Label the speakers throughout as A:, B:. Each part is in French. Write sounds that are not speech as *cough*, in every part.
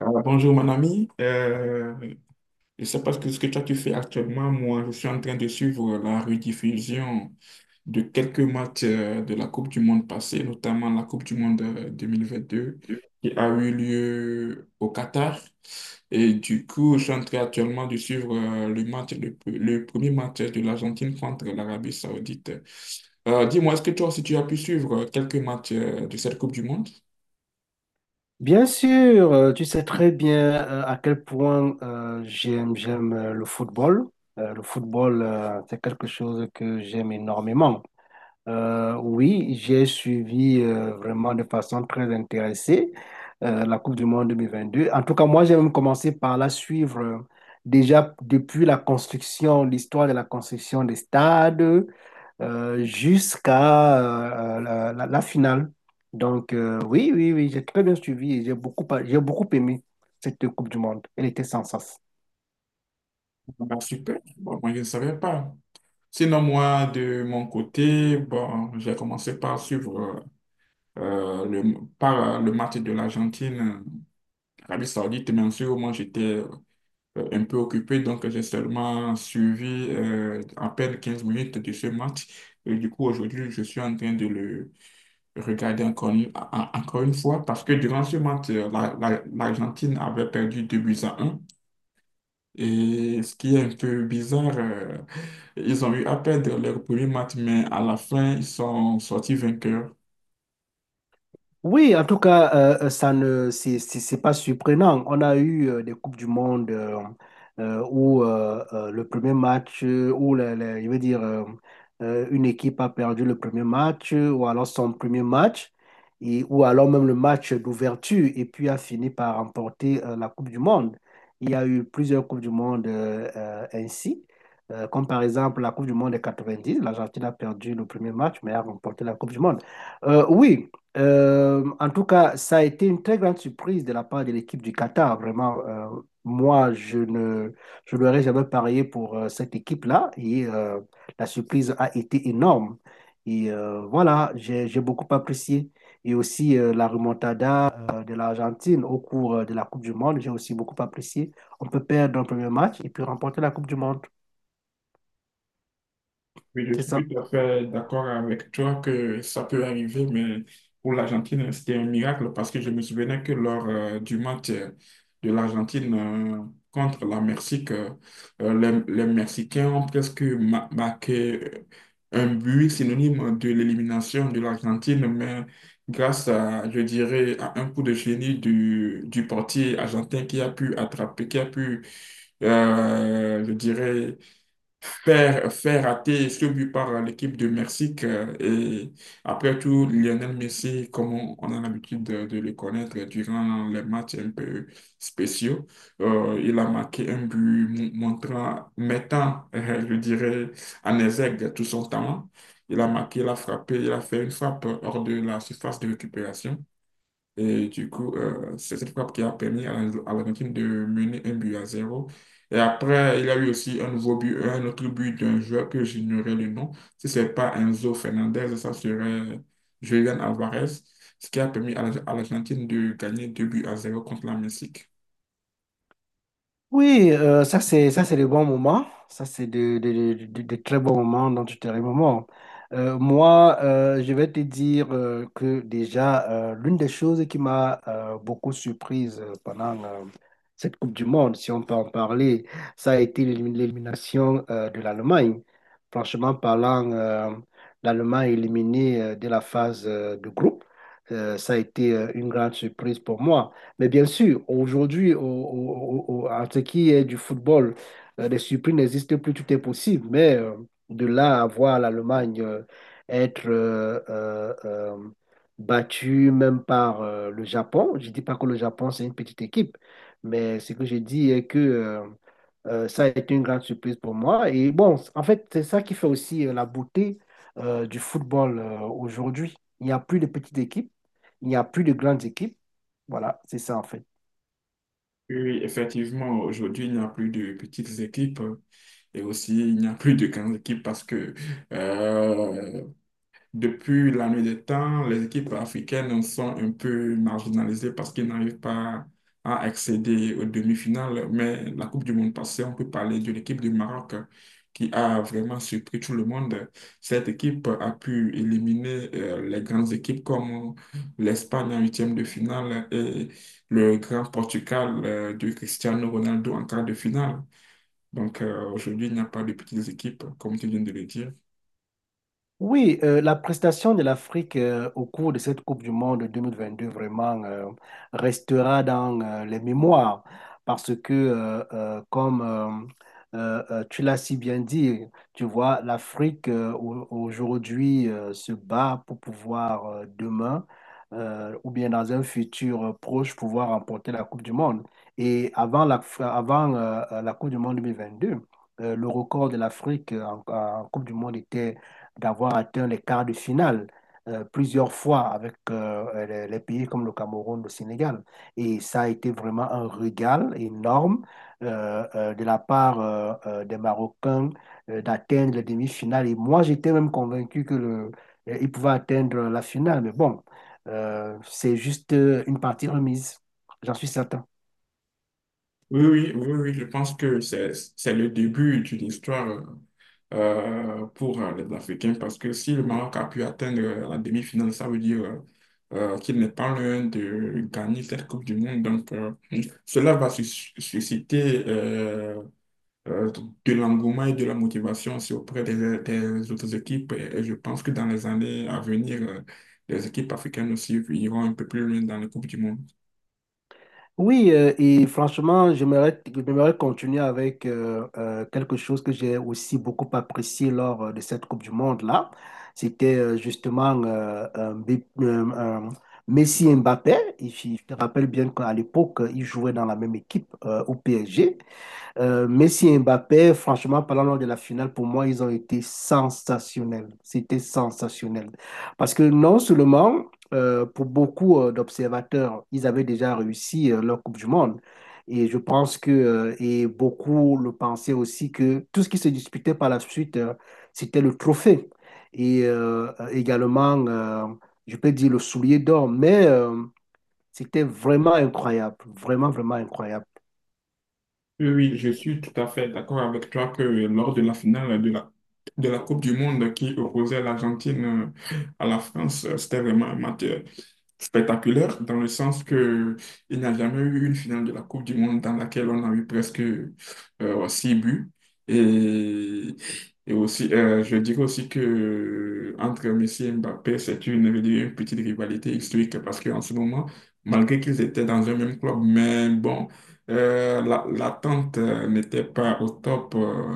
A: Alors, bonjour mon ami. Je ne sais pas ce que toi tu fais actuellement. Moi, je suis en train de suivre la rediffusion de quelques matchs de la Coupe du Monde passée, notamment la Coupe du Monde 2022 qui a eu lieu au Qatar. Et du coup, je suis en train actuellement de suivre le premier match de l'Argentine contre l'Arabie Saoudite. Dis-moi, est-ce que toi aussi tu as pu suivre quelques matchs de cette Coupe du Monde?
B: Bien sûr, tu sais très bien à quel point j'aime le football. Le football, c'est quelque chose que j'aime énormément. Oui, j'ai suivi vraiment de façon très intéressée la Coupe du Monde 2022. En tout cas, moi, j'ai même commencé par la suivre déjà depuis la construction, l'histoire de la construction des stades jusqu'à la finale. Donc, oui, oui, oui, j'ai très bien suivi et j'ai beaucoup aimé cette Coupe du Monde. Elle était sans sens.
A: Ah, super. Bon, moi je ne savais pas. Sinon, moi, de mon côté, bon, j'ai commencé par suivre le match de l'Argentine, Arabie Saoudite, bien sûr. Moi, j'étais un peu occupé, donc j'ai seulement suivi à peine 15 minutes de ce match. Et du coup, aujourd'hui, je suis en train de le regarder encore une fois parce que durant ce match, l'Argentine avait perdu 2 buts à 1, et ce qui est un peu bizarre, ils ont eu à perdre leur premier match, mais à la fin, ils sont sortis vainqueurs.
B: Oui, en tout cas, ça ne, c'est pas surprenant. On a eu des Coupes du Monde où le premier match, je veux dire, une équipe a perdu le premier match, ou alors son premier match, et, ou alors même le match d'ouverture, et puis a fini par remporter la Coupe du Monde. Il y a eu plusieurs Coupes du Monde ainsi, comme par exemple la Coupe du Monde des 90. L'Argentine a perdu le premier match, mais a remporté la Coupe du Monde. Oui. En tout cas, ça a été une très grande surprise de la part de l'équipe du Qatar. Vraiment, moi, je ne, je n'aurais jamais parié pour cette équipe-là et la surprise a été énorme. Et voilà, j'ai beaucoup apprécié. Et aussi la remontada de l'Argentine au cours de la Coupe du Monde, j'ai aussi beaucoup apprécié. On peut perdre un premier match et puis remporter la Coupe du Monde.
A: Oui, je
B: C'est
A: suis
B: ça.
A: tout à fait d'accord avec toi que ça peut arriver, mais pour l'Argentine, c'était un miracle parce que je me souvenais que lors du match de l'Argentine contre la Mexique, euh, les Mexicains ont presque marqué un but synonyme de l'élimination de l'Argentine, mais grâce à, je dirais, à un coup de génie du portier argentin qui a pu attraper, qui a pu, je dirais, faire rater ce but par l'équipe de Mexique. Et après tout, Lionel Messi, comme on a l'habitude de le connaître durant les matchs un peu spéciaux, il a marqué un but montrant, mettant, je dirais, en exergue tout son talent. Il a marqué, il a frappé, il a fait une frappe hors de la surface de récupération. Et du coup, c'est cette frappe qui a permis à à l'Argentine de mener 1 but à 0. Et après, il y a eu aussi un nouveau but, un autre but d'un joueur que j'ignorais le nom. Si ce n'est pas Enzo Fernandez, ça serait Julian Alvarez, ce qui a permis à à l'Argentine de gagner 2 buts à 0 contre la Mexique.
B: Oui, ça c'est le bon moment. Ça c'est de très bons moments dont tu te remémores. Moi, je vais te dire que déjà, l'une des choses qui m'a beaucoup surprise pendant cette Coupe du Monde, si on peut en parler, ça a été l'élimination de l'Allemagne. Franchement parlant, l'Allemagne éliminée dès la phase de groupe, ça a été une grande surprise pour moi. Mais bien sûr, aujourd'hui, en ce qui est du football, les surprises n'existent plus, tout est possible. Mais de là à voir l'Allemagne être battue même par le Japon, je ne dis pas que le Japon, c'est une petite équipe, mais ce que je dis est que ça a été une grande surprise pour moi. Et bon, en fait, c'est ça qui fait aussi la beauté du football aujourd'hui. Il n'y a plus de petites équipes, il n'y a plus de grandes équipes. Voilà, c'est ça en fait.
A: Oui, oui, effectivement, aujourd'hui, il n'y a plus de petites équipes. Et aussi, il n'y a plus de grandes équipes parce que euh, depuis la nuit des temps, les équipes africaines sont un peu marginalisées parce qu'ils n'arrivent pas à accéder aux demi-finales. Mais la Coupe du Monde passée, on peut parler de l'équipe du Maroc qui a vraiment surpris tout le monde. Cette équipe a pu éliminer les grandes équipes comme l'Espagne en huitième de finale et le grand Portugal de Cristiano Ronaldo en quart de finale. Donc aujourd'hui, il n'y a pas de petites équipes, comme tu viens de le dire.
B: Oui, la prestation de l'Afrique au cours de cette Coupe du Monde 2022 vraiment restera dans les mémoires parce que, comme tu l'as si bien dit, tu vois, l'Afrique aujourd'hui se bat pour pouvoir demain ou bien dans un futur proche pouvoir remporter la Coupe du Monde. Et avant, la Coupe du Monde 2022, le record de l'Afrique en Coupe du Monde était d'avoir atteint les quarts de finale plusieurs fois avec les pays comme le Cameroun, le Sénégal. Et ça a été vraiment un régal énorme de la part des Marocains d'atteindre les demi-finales. Et moi, j'étais même convaincu que ils pouvaient atteindre la finale. Mais bon, c'est juste une partie remise, j'en suis certain.
A: Oui, oui, oui, oui, je pense que c'est le début d'une histoire pour les Africains parce que si le Maroc a pu atteindre la demi-finale, ça veut dire qu'il n'est pas loin de gagner cette Coupe du Monde. Donc, cela va susciter euh, de l'engouement et de la motivation aussi auprès des autres équipes. Et je pense que dans les années à venir, les équipes africaines aussi iront un peu plus loin dans les Coupes du Monde.
B: Oui, et franchement, j'aimerais continuer avec quelque chose que j'ai aussi beaucoup apprécié lors de cette Coupe du Monde-là. C'était justement un Messi et Mbappé. Et je te rappelle bien qu'à l'époque, ils jouaient dans la même équipe au PSG. Messi et Mbappé, franchement, parlant lors de la finale, pour moi, ils ont été sensationnels. C'était sensationnel. Parce que non seulement, pour beaucoup d'observateurs, ils avaient déjà réussi leur Coupe du Monde. Et je pense que, et beaucoup le pensaient aussi, que tout ce qui se disputait par la suite, c'était le trophée. Et également, je peux dire le soulier d'or. Mais c'était vraiment incroyable. Vraiment, vraiment incroyable.
A: Oui, oui, je suis tout à fait d'accord avec toi que lors de la finale de la Coupe du Monde qui opposait l'Argentine à la France. C'était vraiment un match spectaculaire dans le sens que il n'y a jamais eu une finale de la Coupe du Monde dans laquelle on a eu presque 6 buts. Et, et aussi, je dirais aussi que entre Messi et Mbappé, c'est une, je dirais une petite rivalité historique parce qu'en ce moment, malgré qu'ils étaient dans un même club, mais bon, l'attente n'était pas au top.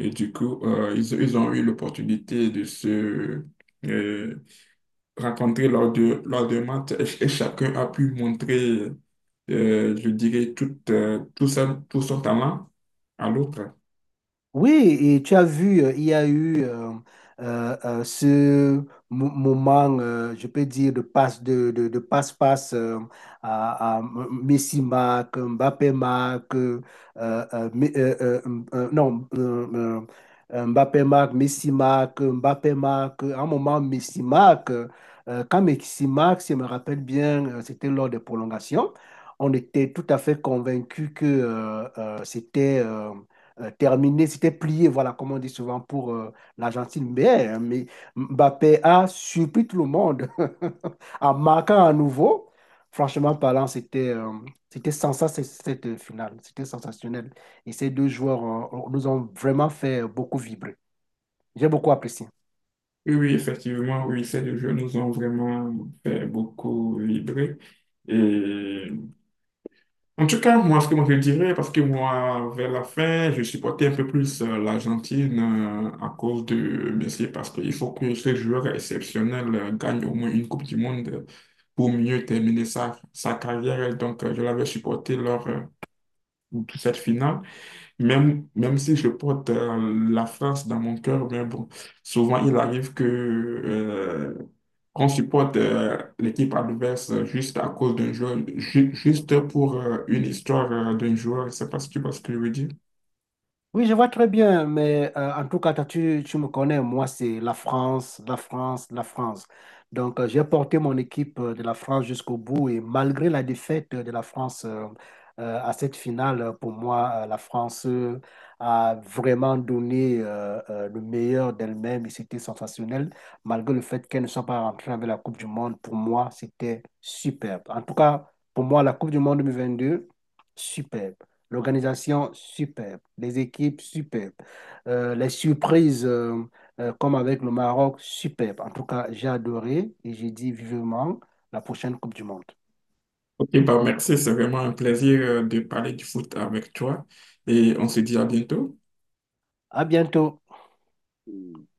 A: Et du coup, ils ont eu l'opportunité de se, euh, rencontrés lors de match, et chacun a pu montrer, je dirais, tout son talent à l'autre.
B: Oui, et tu as vu, il y a eu ce moment, je peux dire, de passe-passe à Messi marque, Mbappé marque, mais- non, Mbappé marque, Messi marque, Mbappé marque. À un moment, Messi marque. Quand Messi marque, si je me rappelle bien, c'était lors des prolongations. On était tout à fait convaincus que c'était terminé, c'était plié, voilà, comme on dit souvent pour l'Argentine. Mais Mbappé a surpris tout le monde *laughs* en marquant à nouveau. Franchement parlant, c'était sensationnel cette finale. C'était sensationnel. Et ces deux joueurs nous ont vraiment fait beaucoup vibrer. J'ai beaucoup apprécié.
A: Oui, oui, effectivement, oui, ces deux jeux nous ont vraiment fait beaucoup vibrer. Et en tout cas, moi, ce que moi je dirais, parce que moi, vers la fin, je supportais un peu plus l'Argentine à cause de Messi, parce qu'il faut que ce joueur exceptionnel gagne au moins une Coupe du Monde pour mieux terminer sa, sa carrière. Et donc, je l'avais supporté lors de toute cette finale, même, même si je porte la France dans mon cœur, mais bon, souvent il arrive que qu'on supporte l'équipe adverse juste à cause d'un joueur, juste pour une histoire d'un joueur. Je ne sais pas si tu vois ce que je veux dire.
B: Oui, je vois très bien, mais en tout cas, toi, tu me connais, moi, c'est la France, la France, la France. Donc, j'ai porté mon équipe de la France jusqu'au bout et malgré la défaite de la France à cette finale, pour moi, la France a vraiment donné le meilleur d'elle-même et c'était sensationnel. Malgré le fait qu'elle ne soit pas rentrée avec la Coupe du Monde, pour moi, c'était superbe. En tout cas, pour moi, la Coupe du Monde 2022, superbe. L'organisation superbe, les équipes superbes, les surprises comme avec le Maroc superbes. En tout cas, j'ai adoré et j'ai dit vivement la prochaine Coupe du Monde.
A: Ok, bah merci, c'est vraiment un plaisir de parler du foot avec toi, et on se dit à bientôt.
B: À bientôt.